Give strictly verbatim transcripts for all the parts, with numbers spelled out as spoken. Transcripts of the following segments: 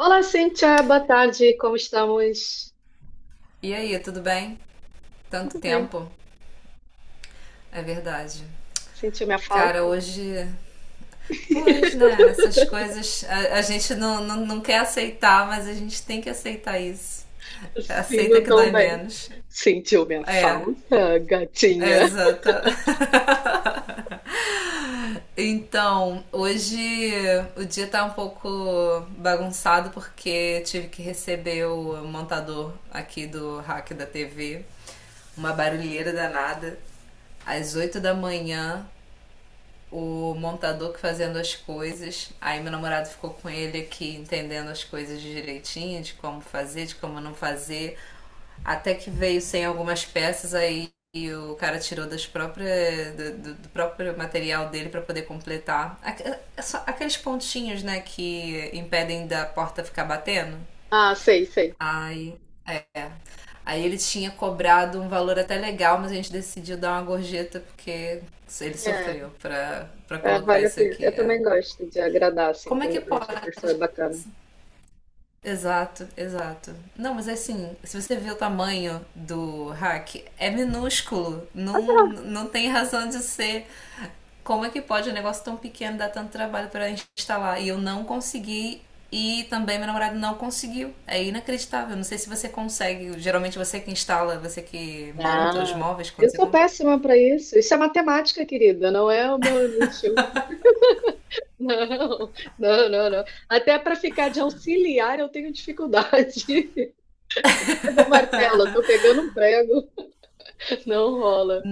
Olá, Cíntia, boa tarde, como estamos? E aí, tudo bem? Tanto Tudo bem? tempo, é verdade. Sentiu minha Cara, falta? hoje. Pois, né? Essas coisas a, a gente não, não, não quer aceitar, mas a gente tem que aceitar isso. Sim, Aceita não que tão dói bem. menos. Sentiu minha É, falta, é gatinha? exata. Então, hoje o dia tá um pouco bagunçado porque tive que receber o montador aqui do hack da T V, uma barulheira danada, às oito da manhã, o montador que fazendo as coisas. Aí meu namorado ficou com ele aqui entendendo as coisas direitinho, de como fazer, de como não fazer. Até que veio sem algumas peças aí e o cara tirou das próprias, do, do- do próprio material dele para poder completar. Aque- é só aqueles pontinhos, né, que impedem da porta ficar batendo. Ah, sei, sei. Aí, aí ele tinha cobrado um valor até legal, mas a gente decidiu dar uma gorjeta porque ele É, sofreu pra, pra é, colocar vale a isso pena. aqui. Eu É, também gosto de agradar, assim, como é quando que eu vejo que a pode? pessoa é bacana. Exato, exato. Não, mas é assim, se você vê o tamanho do hack, é minúsculo. Não, não tem razão de ser. Como é que pode um negócio tão pequeno dar tanto trabalho para instalar? E eu não consegui. E também meu namorado não conseguiu. É inacreditável. Não sei se você consegue. Geralmente você que instala, você que monta os Ah, móveis quando eu você sou compra. péssima para isso. Isso é matemática, querida, não é o meu nicho. Não, não, não, não. Até para ficar de auxiliar eu tenho dificuldade. Pega o martelo, tô pegando um prego. Não rola.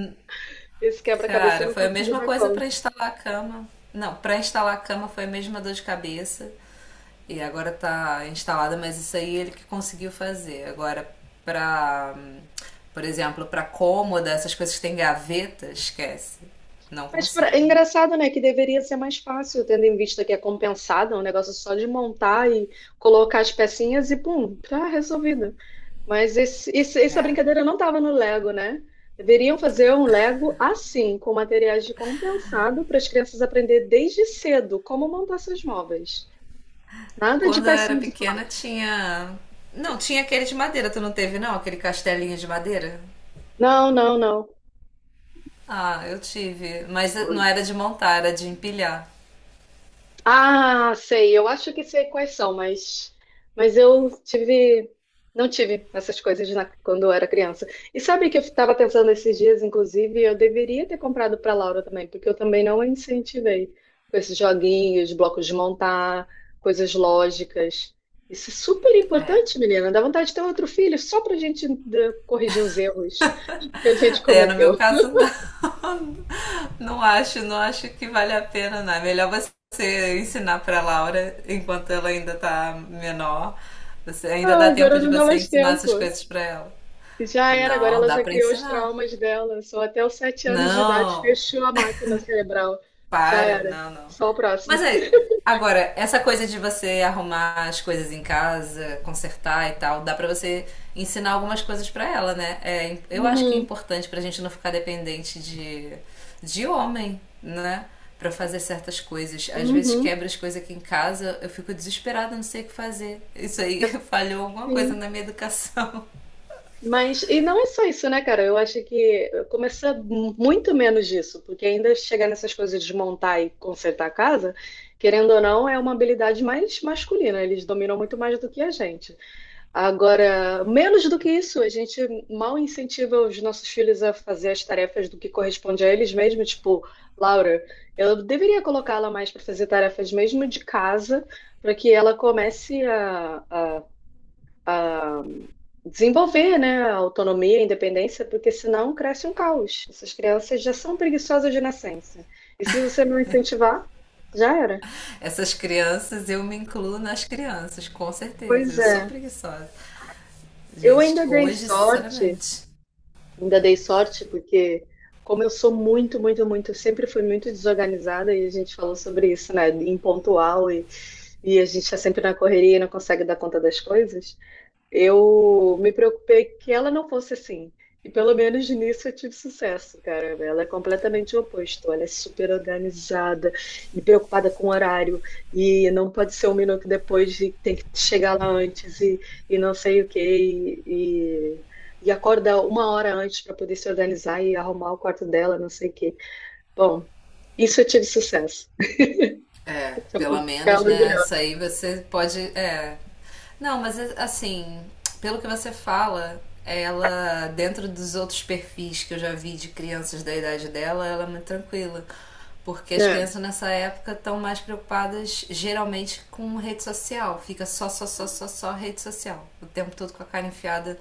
Esse quebra-cabeça eu Cara, não foi a consigo mesma dar coisa para conta. instalar a cama. Não, para instalar a cama foi a mesma dor de cabeça. E agora tá instalada, mas isso aí ele que conseguiu fazer. Agora, pra, por exemplo, pra cômoda, essas coisas que tem gaveta, esquece. Não Mas pra- consigo. é engraçado, né? Que deveria ser mais fácil, tendo em vista que é compensada, é um negócio só de montar e colocar as pecinhas e pum, tá resolvido. Mas esse, esse- essa É. brincadeira não estava no Lego, né? Deveriam fazer um Lego assim, com materiais de compensado, para as crianças aprender desde cedo como montar seus móveis. Nada de Quando eu era pecinha de pequena plástico. tinha. Não, tinha aquele de madeira, tu não teve não? Aquele castelinho de madeira? Não, não, não. Ah, eu tive. Mas não era de montar, era de empilhar. Ah, sei. Eu acho que sei quais são, mas, mas eu tive, não tive essas coisas na- quando eu era criança. E sabe que eu estava pensando esses dias, inclusive, eu deveria ter comprado para Laura também, porque eu também não a incentivei com esses joguinhos, blocos de montar, coisas lógicas. Isso é super É. importante, menina. Dá vontade de ter outro filho só para a gente eh, corrigir os erros que a gente É, no meu cometeu. caso não. Não acho, não acho que vale a pena, não. É melhor você ensinar para Laura enquanto ela ainda tá menor. Você ainda Ah, dá tempo agora de não dá você mais ensinar tempo. essas coisas para ela. Já era, agora Não, ela dá já para criou os ensinar. traumas dela. Só até os sete anos de idade Não. fechou a máquina cerebral. Já Para, era. não, não. Só o próximo. Mas é, agora, essa coisa de você arrumar as coisas em casa, consertar e tal, dá pra você ensinar algumas coisas pra ela, né? É, im- eu acho que é Uhum, importante pra gente não ficar dependente de, de homem, né? Pra fazer certas coisas. Às vezes uhum. quebra as coisas aqui em casa, eu fico desesperada, não sei o que fazer. Isso aí falhou alguma Assim, coisa na minha educação. mas, e não é só isso, né, cara? Eu acho que começa mu- muito menos disso, porque ainda chegar nessas coisas de montar e consertar a casa, querendo ou não, é uma habilidade mais masculina. Eles dominam muito mais do que a gente. Agora, menos do que isso, a gente mal incentiva os nossos filhos a fazer as tarefas do que corresponde a eles mesmos. Tipo, Laura, eu deveria colocá-la mais para fazer tarefas mesmo de casa, para que ela comece a, a- a desenvolver, né, a autonomia, a independência, porque senão cresce um caos. Essas crianças já são preguiçosas de nascença. E se você não incentivar, já era. Essas crianças, eu me incluo nas crianças, com certeza. Pois Eu sou é, preguiçosa. eu Gente, ainda dei hoje, sorte. sinceramente. Ainda dei sorte, porque como eu sou muito, muito, muito, eu sempre fui muito desorganizada e a gente falou sobre isso, né? Impontual e, e a gente está sempre na correria e não consegue dar conta das coisas. Eu me preocupei que ela não fosse assim. E pelo menos nisso eu tive sucesso, cara. Ela é completamente o oposto. Ela é super organizada e preocupada com o horário. E não pode ser um minuto depois e tem que chegar lá antes e, e não sei o quê. E, e, e acorda uma hora antes para poder se organizar e arrumar o quarto dela, não sei o quê. Bom, isso eu tive sucesso. É, Então, eu pelo posso ficar menos, né? orgulhosa. Isso aí você pode. É. Não, mas é, assim, pelo que você fala, ela, dentro dos outros perfis que eu já vi de crianças da idade dela, ela é muito tranquila. Porque as É. crianças nessa época estão mais preocupadas geralmente com rede social. Fica só, só, só, só, só rede social. O tempo todo com a cara enfiada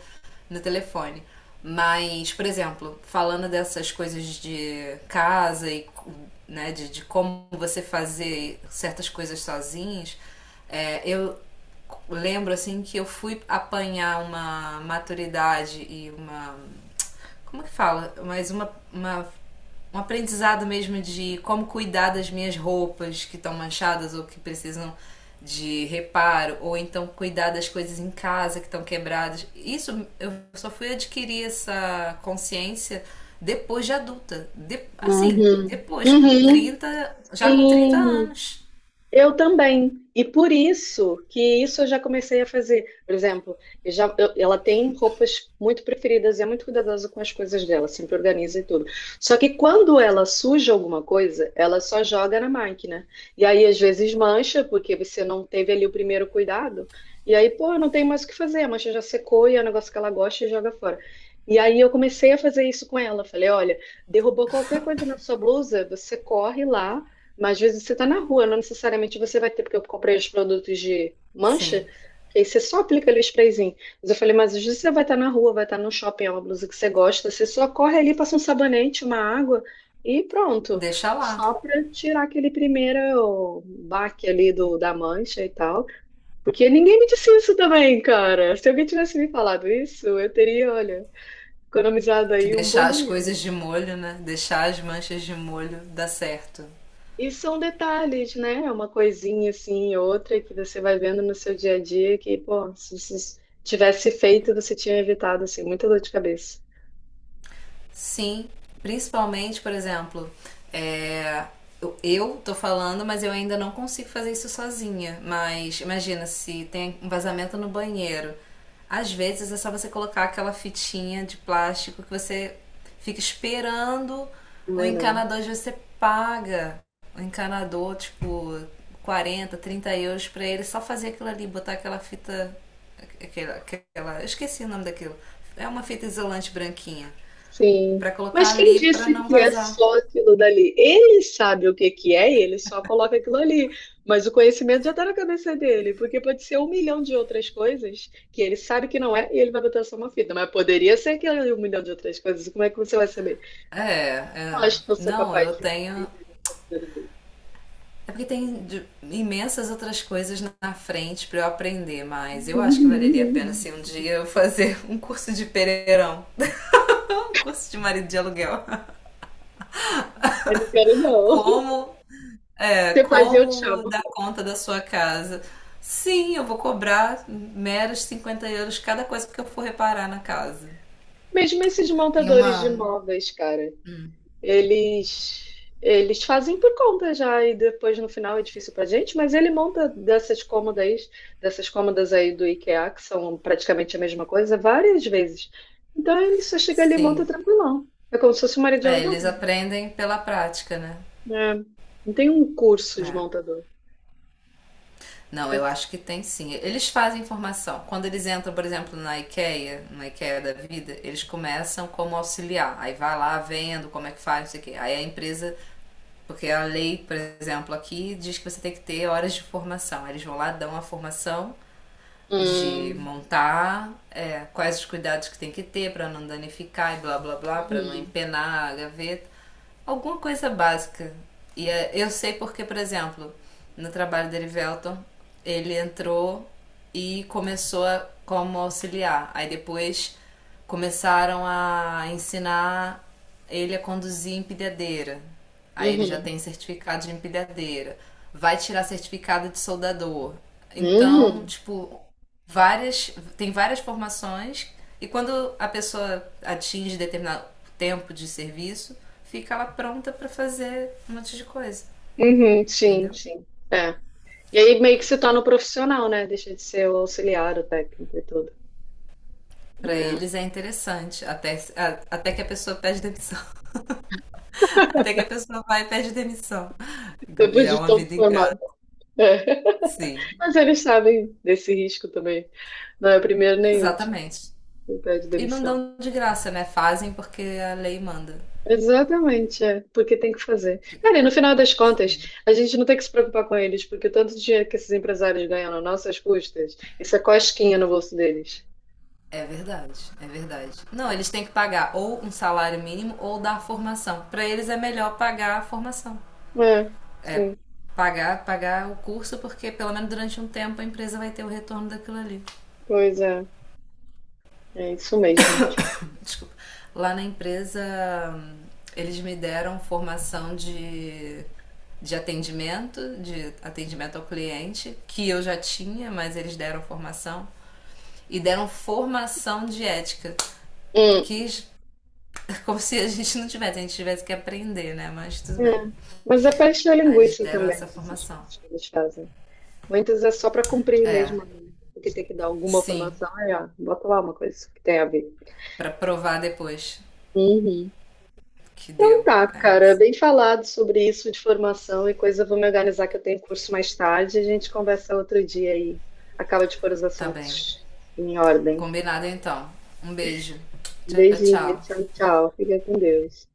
no telefone. Mas, por exemplo, falando dessas coisas de casa e né, de, de como você fazer certas coisas sozinhos, é, eu lembro assim que eu fui apanhar uma maturidade e uma como que fala? Mas uma, uma um aprendizado mesmo de como cuidar das minhas roupas que estão manchadas ou que precisam de reparo, ou então cuidar das coisas em casa que estão quebradas. Isso eu só fui adquirir essa consciência depois de adulta. De, assim, Uhum. depois, com Uhum. trinta já com trinta Sim. anos. Eu também. E por isso que isso eu já comecei a fazer. Por exemplo, eu já, eu- ela tem roupas muito preferidas e é muito cuidadosa com as coisas dela, sempre organiza e tudo. Só que quando ela suja alguma coisa, ela só joga na máquina. E aí às vezes mancha, porque você não teve ali o primeiro cuidado. E aí, pô, não tem mais o que fazer, a mancha já secou e é um negócio que ela gosta e joga fora. E aí eu comecei a fazer isso com ela. Falei, olha, derrubou qualquer coisa na sua blusa, você corre lá, mas às vezes você está na rua, não necessariamente você vai ter, porque eu comprei os produtos de mancha, Sim, que aí você só aplica ali o sprayzinho. Mas eu falei, mas às vezes você vai estar na rua, vai estar no shopping, é uma blusa que você gosta, você só corre ali, passa um sabonete, uma água e pronto. deixa lá. Só para tirar aquele primeiro baque ali do, da mancha e tal. Porque ninguém me disse isso também, cara. Se alguém tivesse me falado isso, eu teria, olha, economizado Que aí um bom deixar as dinheiro. coisas de molho, né? Deixar as manchas de molho dá certo. E são detalhes, né? É uma coisinha assim, outra que você vai vendo no seu dia a dia que, pô, se você tivesse feito, você tinha evitado, assim, muita dor de cabeça. Sim, principalmente, por exemplo, é, eu, eu tô falando, mas eu ainda não consigo fazer isso sozinha. Mas imagina se tem um vazamento no banheiro. Às vezes é só você colocar aquela fitinha de plástico que você fica esperando Não o é não. encanador de você paga. O encanador, tipo, quarenta trinta euros pra ele só fazer aquilo ali, botar aquela fita. Aquela, aquela, eu esqueci o nome daquilo. É uma fita isolante branquinha. Sim. Pra colocar Mas quem ali pra disse não que é vazar. só aquilo dali? Ele sabe o que que é e ele só coloca aquilo ali. Mas o conhecimento já está na cabeça dele, porque pode ser um milhão de outras coisas que ele sabe que não é e ele vai botar só uma fita. Mas poderia ser aquele um milhão de outras coisas. Como é que você vai saber? É, Eu é. acho que eu sou Não, capaz eu de tenho. aprender. É porque tem de- imensas outras coisas na frente pra eu aprender, mas eu acho que valeria a pena Uhum. se um dia eu fazer um curso de pereirão, um curso de marido de aluguel. Eu não quero, não. Como, é, Você faz, e eu te como chamo. dar conta da sua casa. Sim, eu vou cobrar meros cinquenta euros cada coisa que eu for reparar na casa. Mesmo esses Tem montadores de uma. imóveis, cara, eles eles fazem por conta já e depois no final é difícil pra gente, mas ele monta dessas cômodas, dessas cômodas aí do IKEA, que são praticamente a mesma coisa, várias vezes. Então ele só chega ali e Sim. monta tranquilão. É como se fosse uma área de É, aluguel. eles aprendem pela prática, né? Né? É, não tem um curso de É. montador. Não, eu Mas... acho que tem sim. Eles fazem formação. Quando eles entram, por exemplo, na IKEA, na IKEA da vida, eles começam como auxiliar. Aí vai lá vendo como é que faz, não sei o quê. Aí a empresa, porque a lei, por exemplo, aqui diz que você tem que ter horas de formação. Aí eles vão lá, dão a formação de Hum, montar, é, quais os cuidados que tem que ter para não danificar e blá blá blá, para não hum, empenar a gaveta, alguma coisa básica. E é, eu sei porque, por exemplo, no trabalho dele, Velton, ele entrou e começou a- como auxiliar. Aí depois começaram a ensinar ele a conduzir empilhadeira. Aí ele já uhum, tem certificado de empilhadeira. Vai tirar certificado de soldador. Então, hum. tipo, várias, tem várias formações e quando a pessoa atinge determinado tempo de serviço, fica ela pronta para fazer um monte de coisa, Uhum, sim, entendeu? sim. É. E aí meio que se torna um profissional, né? Deixa de ser o auxiliar, o técnico e tudo. Pra É. eles é interessante, até, até que a pessoa pede demissão. Até que a pessoa vai e pede demissão. Depois É de uma todo vida formado. ingrata. É. Sim. Mas eles sabem desse risco também. Não é o primeiro nem o último Exatamente. que pede E não demissão. dão de graça, né? Fazem porque a lei manda. Exatamente, é. Porque tem que fazer. Cara, e no final das contas, Sim. a gente não tem que se preocupar com eles, porque o tanto de dinheiro que esses empresários ganham nas nossas custas, isso é cosquinha no bolso deles. É verdade, é verdade. Não, eles têm que pagar ou um salário mínimo ou dar formação. Pra eles é melhor pagar a formação. É, sim, Pagar, pagar o curso, porque pelo menos durante um tempo a empresa vai ter o retorno daquilo ali. pois é. É isso mesmo. Desculpa. Lá na empresa, eles me deram formação de, de atendimento, de atendimento ao cliente, que eu já tinha, mas eles deram formação. e deram formação de ética. Hum. Que, como se a gente não tivesse, a gente tivesse que aprender, né? Mas tudo bem. É, mas é para encher a Aí eles linguiça deram também, essa né, essas formação. coisas que eles fazem. Muitas é só para cumprir É, mesmo, né? Porque tem que dar alguma sim, formação. Aí, ó, bota lá uma coisa que tem a ver. pra provar depois Uhum. que Então deu. tá, É, cara, bem falado sobre isso de formação e coisa. Eu vou me organizar que eu tenho curso mais tarde. A gente conversa outro dia aí. Acaba de pôr os tá bem. assuntos em ordem. Combinado então. Um beijo. Tchau, Beijinho, tchau, tchau. tchau. Fica com Deus.